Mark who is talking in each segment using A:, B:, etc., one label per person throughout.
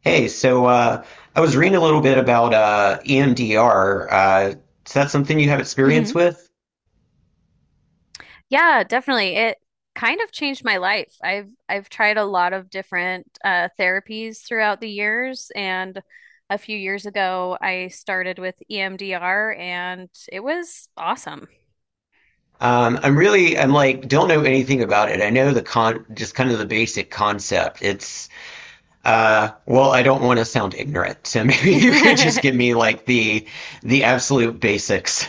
A: Hey, I was reading a little bit about EMDR. Is that something you have
B: Hmm,
A: experience with?
B: yeah, definitely. It kind of changed my life. I've tried a lot of different therapies throughout the years, and a few years ago, I started with EMDR, and it was awesome.
A: I'm really, don't know anything about it. I know the just kind of the basic concept. I don't want to sound ignorant, so maybe you could just give me like the absolute basics.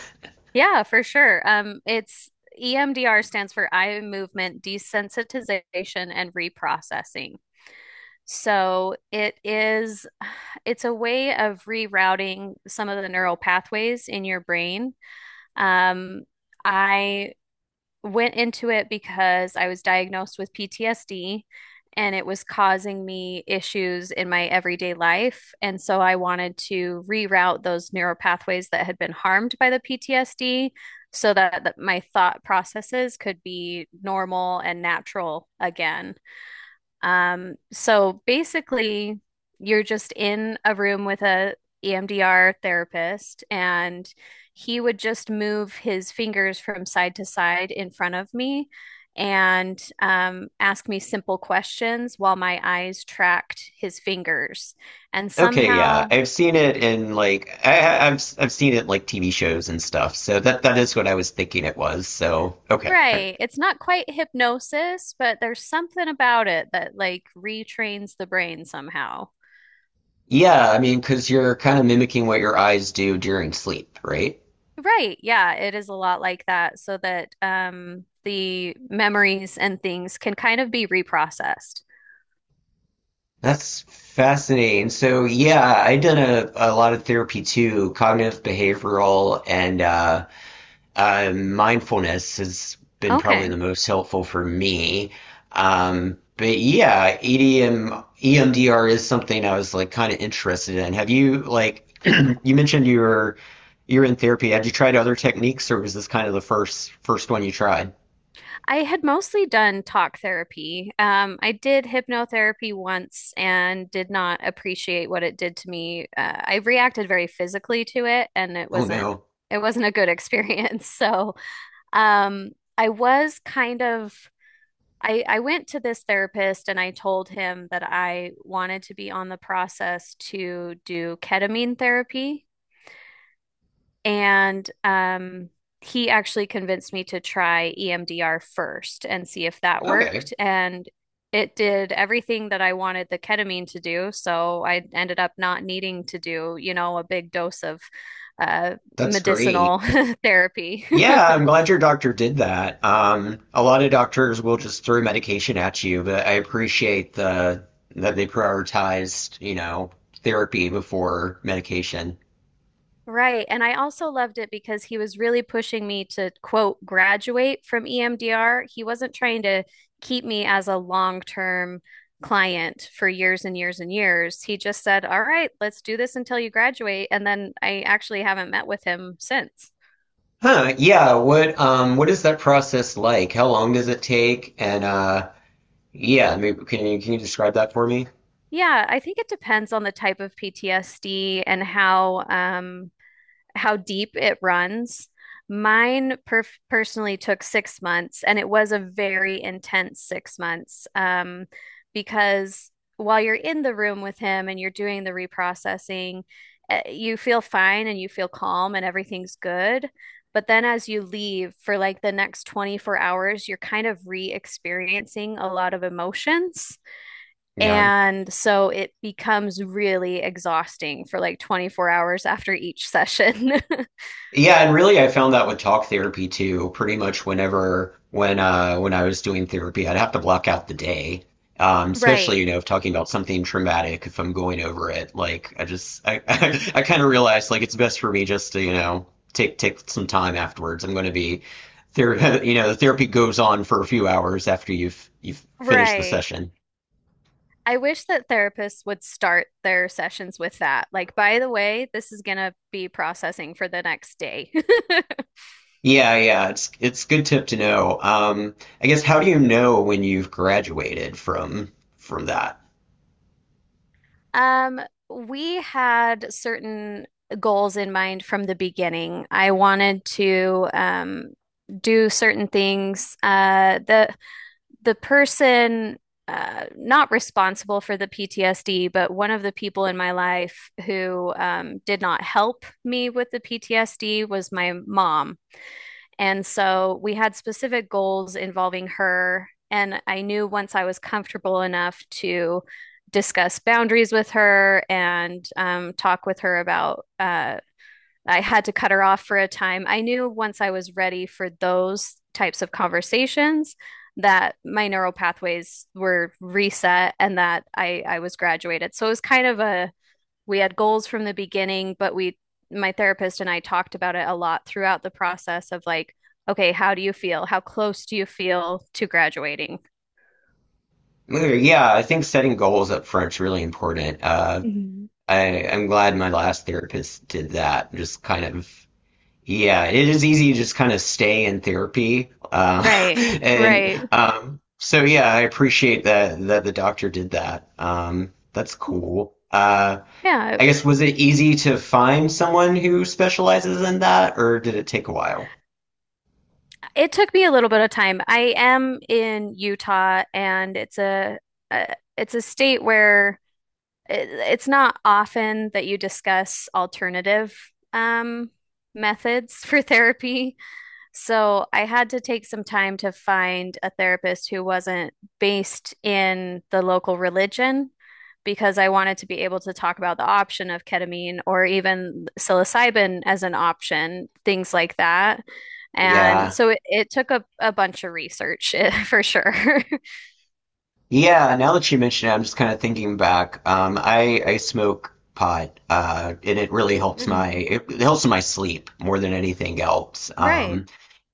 B: Yeah, for sure. It's EMDR stands for eye movement desensitization and reprocessing. So it is, it's a way of rerouting some of the neural pathways in your brain. Um, I went into it because I was diagnosed with PTSD and it was causing me issues in my everyday life. And so I wanted to reroute those neural pathways that had been harmed by the PTSD so that my thought processes could be normal and natural again. So basically, you're just in a room with a EMDR therapist, and he would just move his fingers from side to side in front of me and ask me simple questions while my eyes tracked his fingers. And
A: Okay, yeah,
B: somehow,
A: I've seen it in like I've seen it like TV shows and stuff. So that is what I was thinking it was. So okay.
B: right, it's not quite hypnosis, but there's something about it that like retrains the brain somehow.
A: Yeah, I mean, because you're kind of mimicking what your eyes do during sleep, right?
B: Right. Yeah, it is a lot like that so that the memories and things can kind of be reprocessed.
A: That's fascinating. So, yeah, I've done a lot of therapy too, cognitive behavioral and mindfulness has been probably
B: Okay.
A: the most helpful for me. But yeah, EDMEMDR is something I was like kind of interested in. Have you like you mentioned you were you're in therapy. Had you tried other techniques, or was this kind of the first one you tried?
B: I had mostly done talk therapy. I did hypnotherapy once and did not appreciate what it did to me. I reacted very physically to it and it
A: Oh
B: wasn't
A: no.
B: it wasn't a good experience. So, um, I was kind of. I went to this therapist and I told him that I wanted to be on the process to do ketamine therapy. And he actually convinced me to try EMDR first and see if that
A: Okay,
B: worked. And it did everything that I wanted the ketamine to do. So I ended up not needing to do, you know, a big dose of uh,
A: that's great.
B: medicinal therapy.
A: Yeah, I'm glad your doctor did that. A lot of doctors will just throw medication at you, but I appreciate the that they prioritized, you know, therapy before medication.
B: Right. And I also loved it because he was really pushing me to, quote, graduate from EMDR. He wasn't trying to keep me as a long-term client for years and years and years. He just said, "All right, let's do this until you graduate." And then I actually haven't met with him since.
A: Huh, yeah, what is that process like? How long does it take? And yeah, maybe can you describe that for me?
B: Yeah, I think it depends on the type of PTSD and how deep it runs. Mine personally took 6 months, and it was a very intense 6 months because while you're in the room with him and you're doing the reprocessing, you feel fine and you feel calm and everything's good. But then as you leave for like the next 24 hours, you're kind of re-experiencing a lot of emotions.
A: Yeah.
B: And so it becomes really exhausting for like 24 hours after each session.
A: Yeah, and really I found that with talk therapy too. Pretty much when I was doing therapy, I'd have to block out the day. Especially,
B: Right,
A: you know, if talking about something traumatic, if I'm going over it, like I just I kind of realized like it's best for me just to, you know, take some time afterwards. I'm going to be ther you know, the therapy goes on for a few hours after you've finished the
B: right.
A: session.
B: I wish that therapists would start their sessions with that. Like, by the way, this is going to be processing for the next day.
A: Yeah, yeah, it's good tip to know. I guess how do you know when you've graduated from that?
B: Um, we had certain goals in mind from the beginning. I wanted to do certain things. The person not responsible for the PTSD, but one of the people in my life who did not help me with the PTSD was my mom. And so we had specific goals involving her. And I knew once I was comfortable enough to discuss boundaries with her and talk with her about I had to cut her off for a time. I knew once I was ready for those types of conversations that my neural pathways were reset and that I was graduated. So it was kind of a, we had goals from the beginning, but we, my therapist and I talked about it a lot throughout the process of like, okay, how do you feel? How close do you feel to graduating?
A: Yeah, I think setting goals up front's really important. I'm glad my last therapist did that. Just kind of, yeah, it is easy to just kind of stay in therapy.
B: Right,
A: And
B: right.
A: so, yeah, I appreciate that the doctor did that. That's cool.
B: Yeah,
A: I guess was it easy to find someone who specializes in that, or did it take a while?
B: it took me a little bit of time. I am in Utah, and it's a state where it's not often that you discuss alternative um, methods for therapy. So I had to take some time to find a therapist who wasn't based in the local religion because I wanted to be able to talk about the option of ketamine or even psilocybin as an option, things like that. And
A: Yeah.
B: so it took a bunch of research for sure.
A: Yeah, now that you mention it, I'm just kind of thinking back. I smoke pot, and it really helps my
B: Hmm.
A: it helps my sleep more than anything else.
B: Right.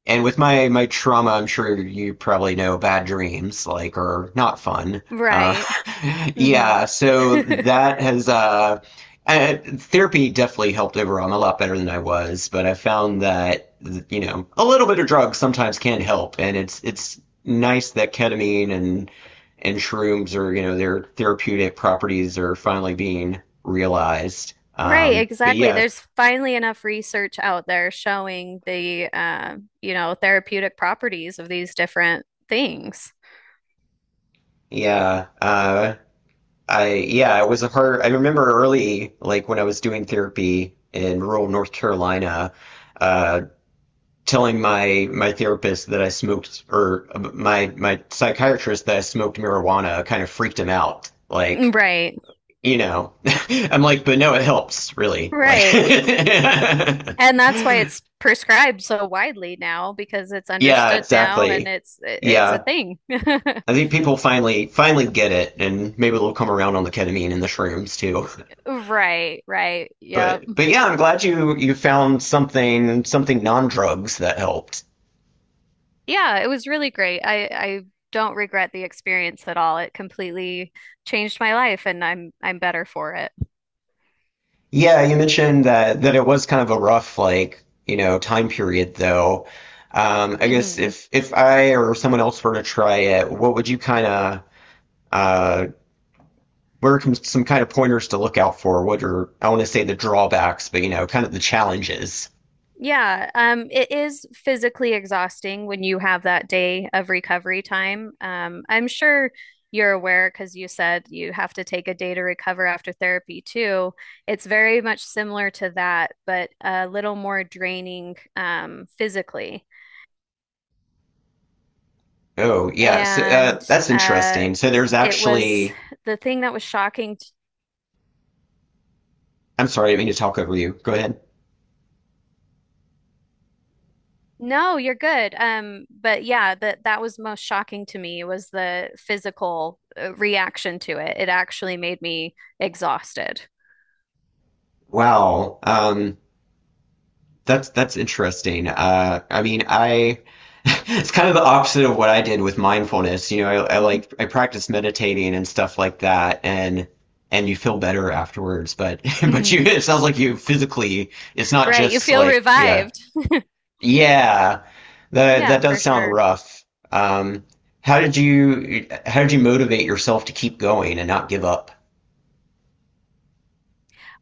A: And with my trauma, I'm sure you probably know bad dreams like are not fun. Uh,
B: Right. Hmm.
A: yeah, so that has therapy definitely helped overall. I'm a lot better than I was, but I found that you know a little bit of drugs sometimes can help, and it's nice that ketamine and shrooms are you know their therapeutic properties are finally being realized.
B: Right,
A: But
B: exactly.
A: yeah,
B: There's finally enough research out there showing the, you know, therapeutic properties of these different things.
A: yeah. I yeah, it was a hard. I remember early, like when I was doing therapy in rural North Carolina, uh, telling my therapist that I smoked or my my psychiatrist that I smoked marijuana kind of freaked him out. Like,
B: Mm, right,
A: you know, I'm like, but no, it helps really. Like,
B: right. And that's why it's prescribed so widely now because it's
A: yeah,
B: understood now and
A: exactly.
B: it's a
A: Yeah,
B: thing.
A: I think people finally get it, and maybe they'll come around on the ketamine and the shrooms too.
B: Right, right. Yep.
A: But yeah, I'm glad you found something non-drugs that helped.
B: Yeah, it was really great. I don't regret the experience at all. It completely changed my life and I'm better for it.
A: Yeah, you mentioned that it was kind of a rough like, you know, time period though. I guess
B: Hmm.
A: if I or someone else were to try it, what would you kind of uh what are com- some kind of pointers to look out for? What are I want to say the drawbacks, but you know, kind of the challenges.
B: Yeah, it is physically exhausting when you have that day of recovery time. I'm sure you're aware because you said you have to take a day to recover after therapy too. It's very much similar to that, but a little more draining physically.
A: Oh, yeah, so
B: And
A: that's
B: uh,
A: interesting. So there's
B: it was
A: actually
B: the thing that was shocking.
A: I'm sorry, I didn't mean to talk over you. Go ahead.
B: No, you're good. But yeah, that was most shocking to me was the physical reaction to it. It actually made me exhausted.
A: Wow. Um, that's interesting. I mean, I it's kind of the opposite of what I did with mindfulness. You know, I, I
B: Mhm.
A: like I practice meditating and stuff like that, and you feel better afterwards. But but you
B: Hmm.
A: it sounds like you physically it's not
B: Right, you
A: just
B: feel
A: like yeah
B: revived.
A: yeah that
B: Yeah,
A: that does
B: for
A: sound
B: sure.
A: rough. Um, how did you motivate yourself to keep going and not give up?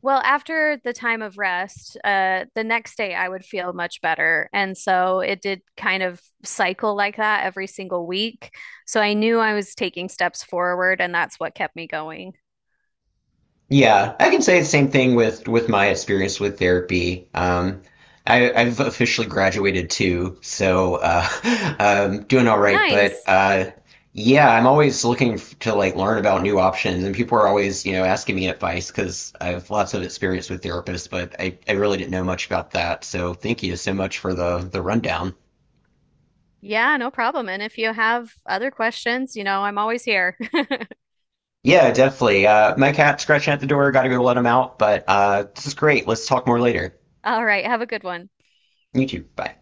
B: Well, after the time of rest, the next day I would feel much better. And so it did kind of cycle like that every single week. So I knew I was taking steps forward, and that's what kept me going.
A: Yeah, I can say the same thing with my experience with therapy. I've officially graduated too, so doing all right. But
B: Nice.
A: yeah, I'm always looking f- to like learn about new options, and people are always you know asking me advice because I have lots of experience with therapists, but I really didn't know much about that. So thank you so much for the rundown.
B: Yeah, no problem. And if you have other questions, you know, I'm always here.
A: Yeah, definitely. My cat's scratching at the door. Got to go let him out. But this is great. Let's talk more later.
B: All right, have a good one.
A: You too. Bye.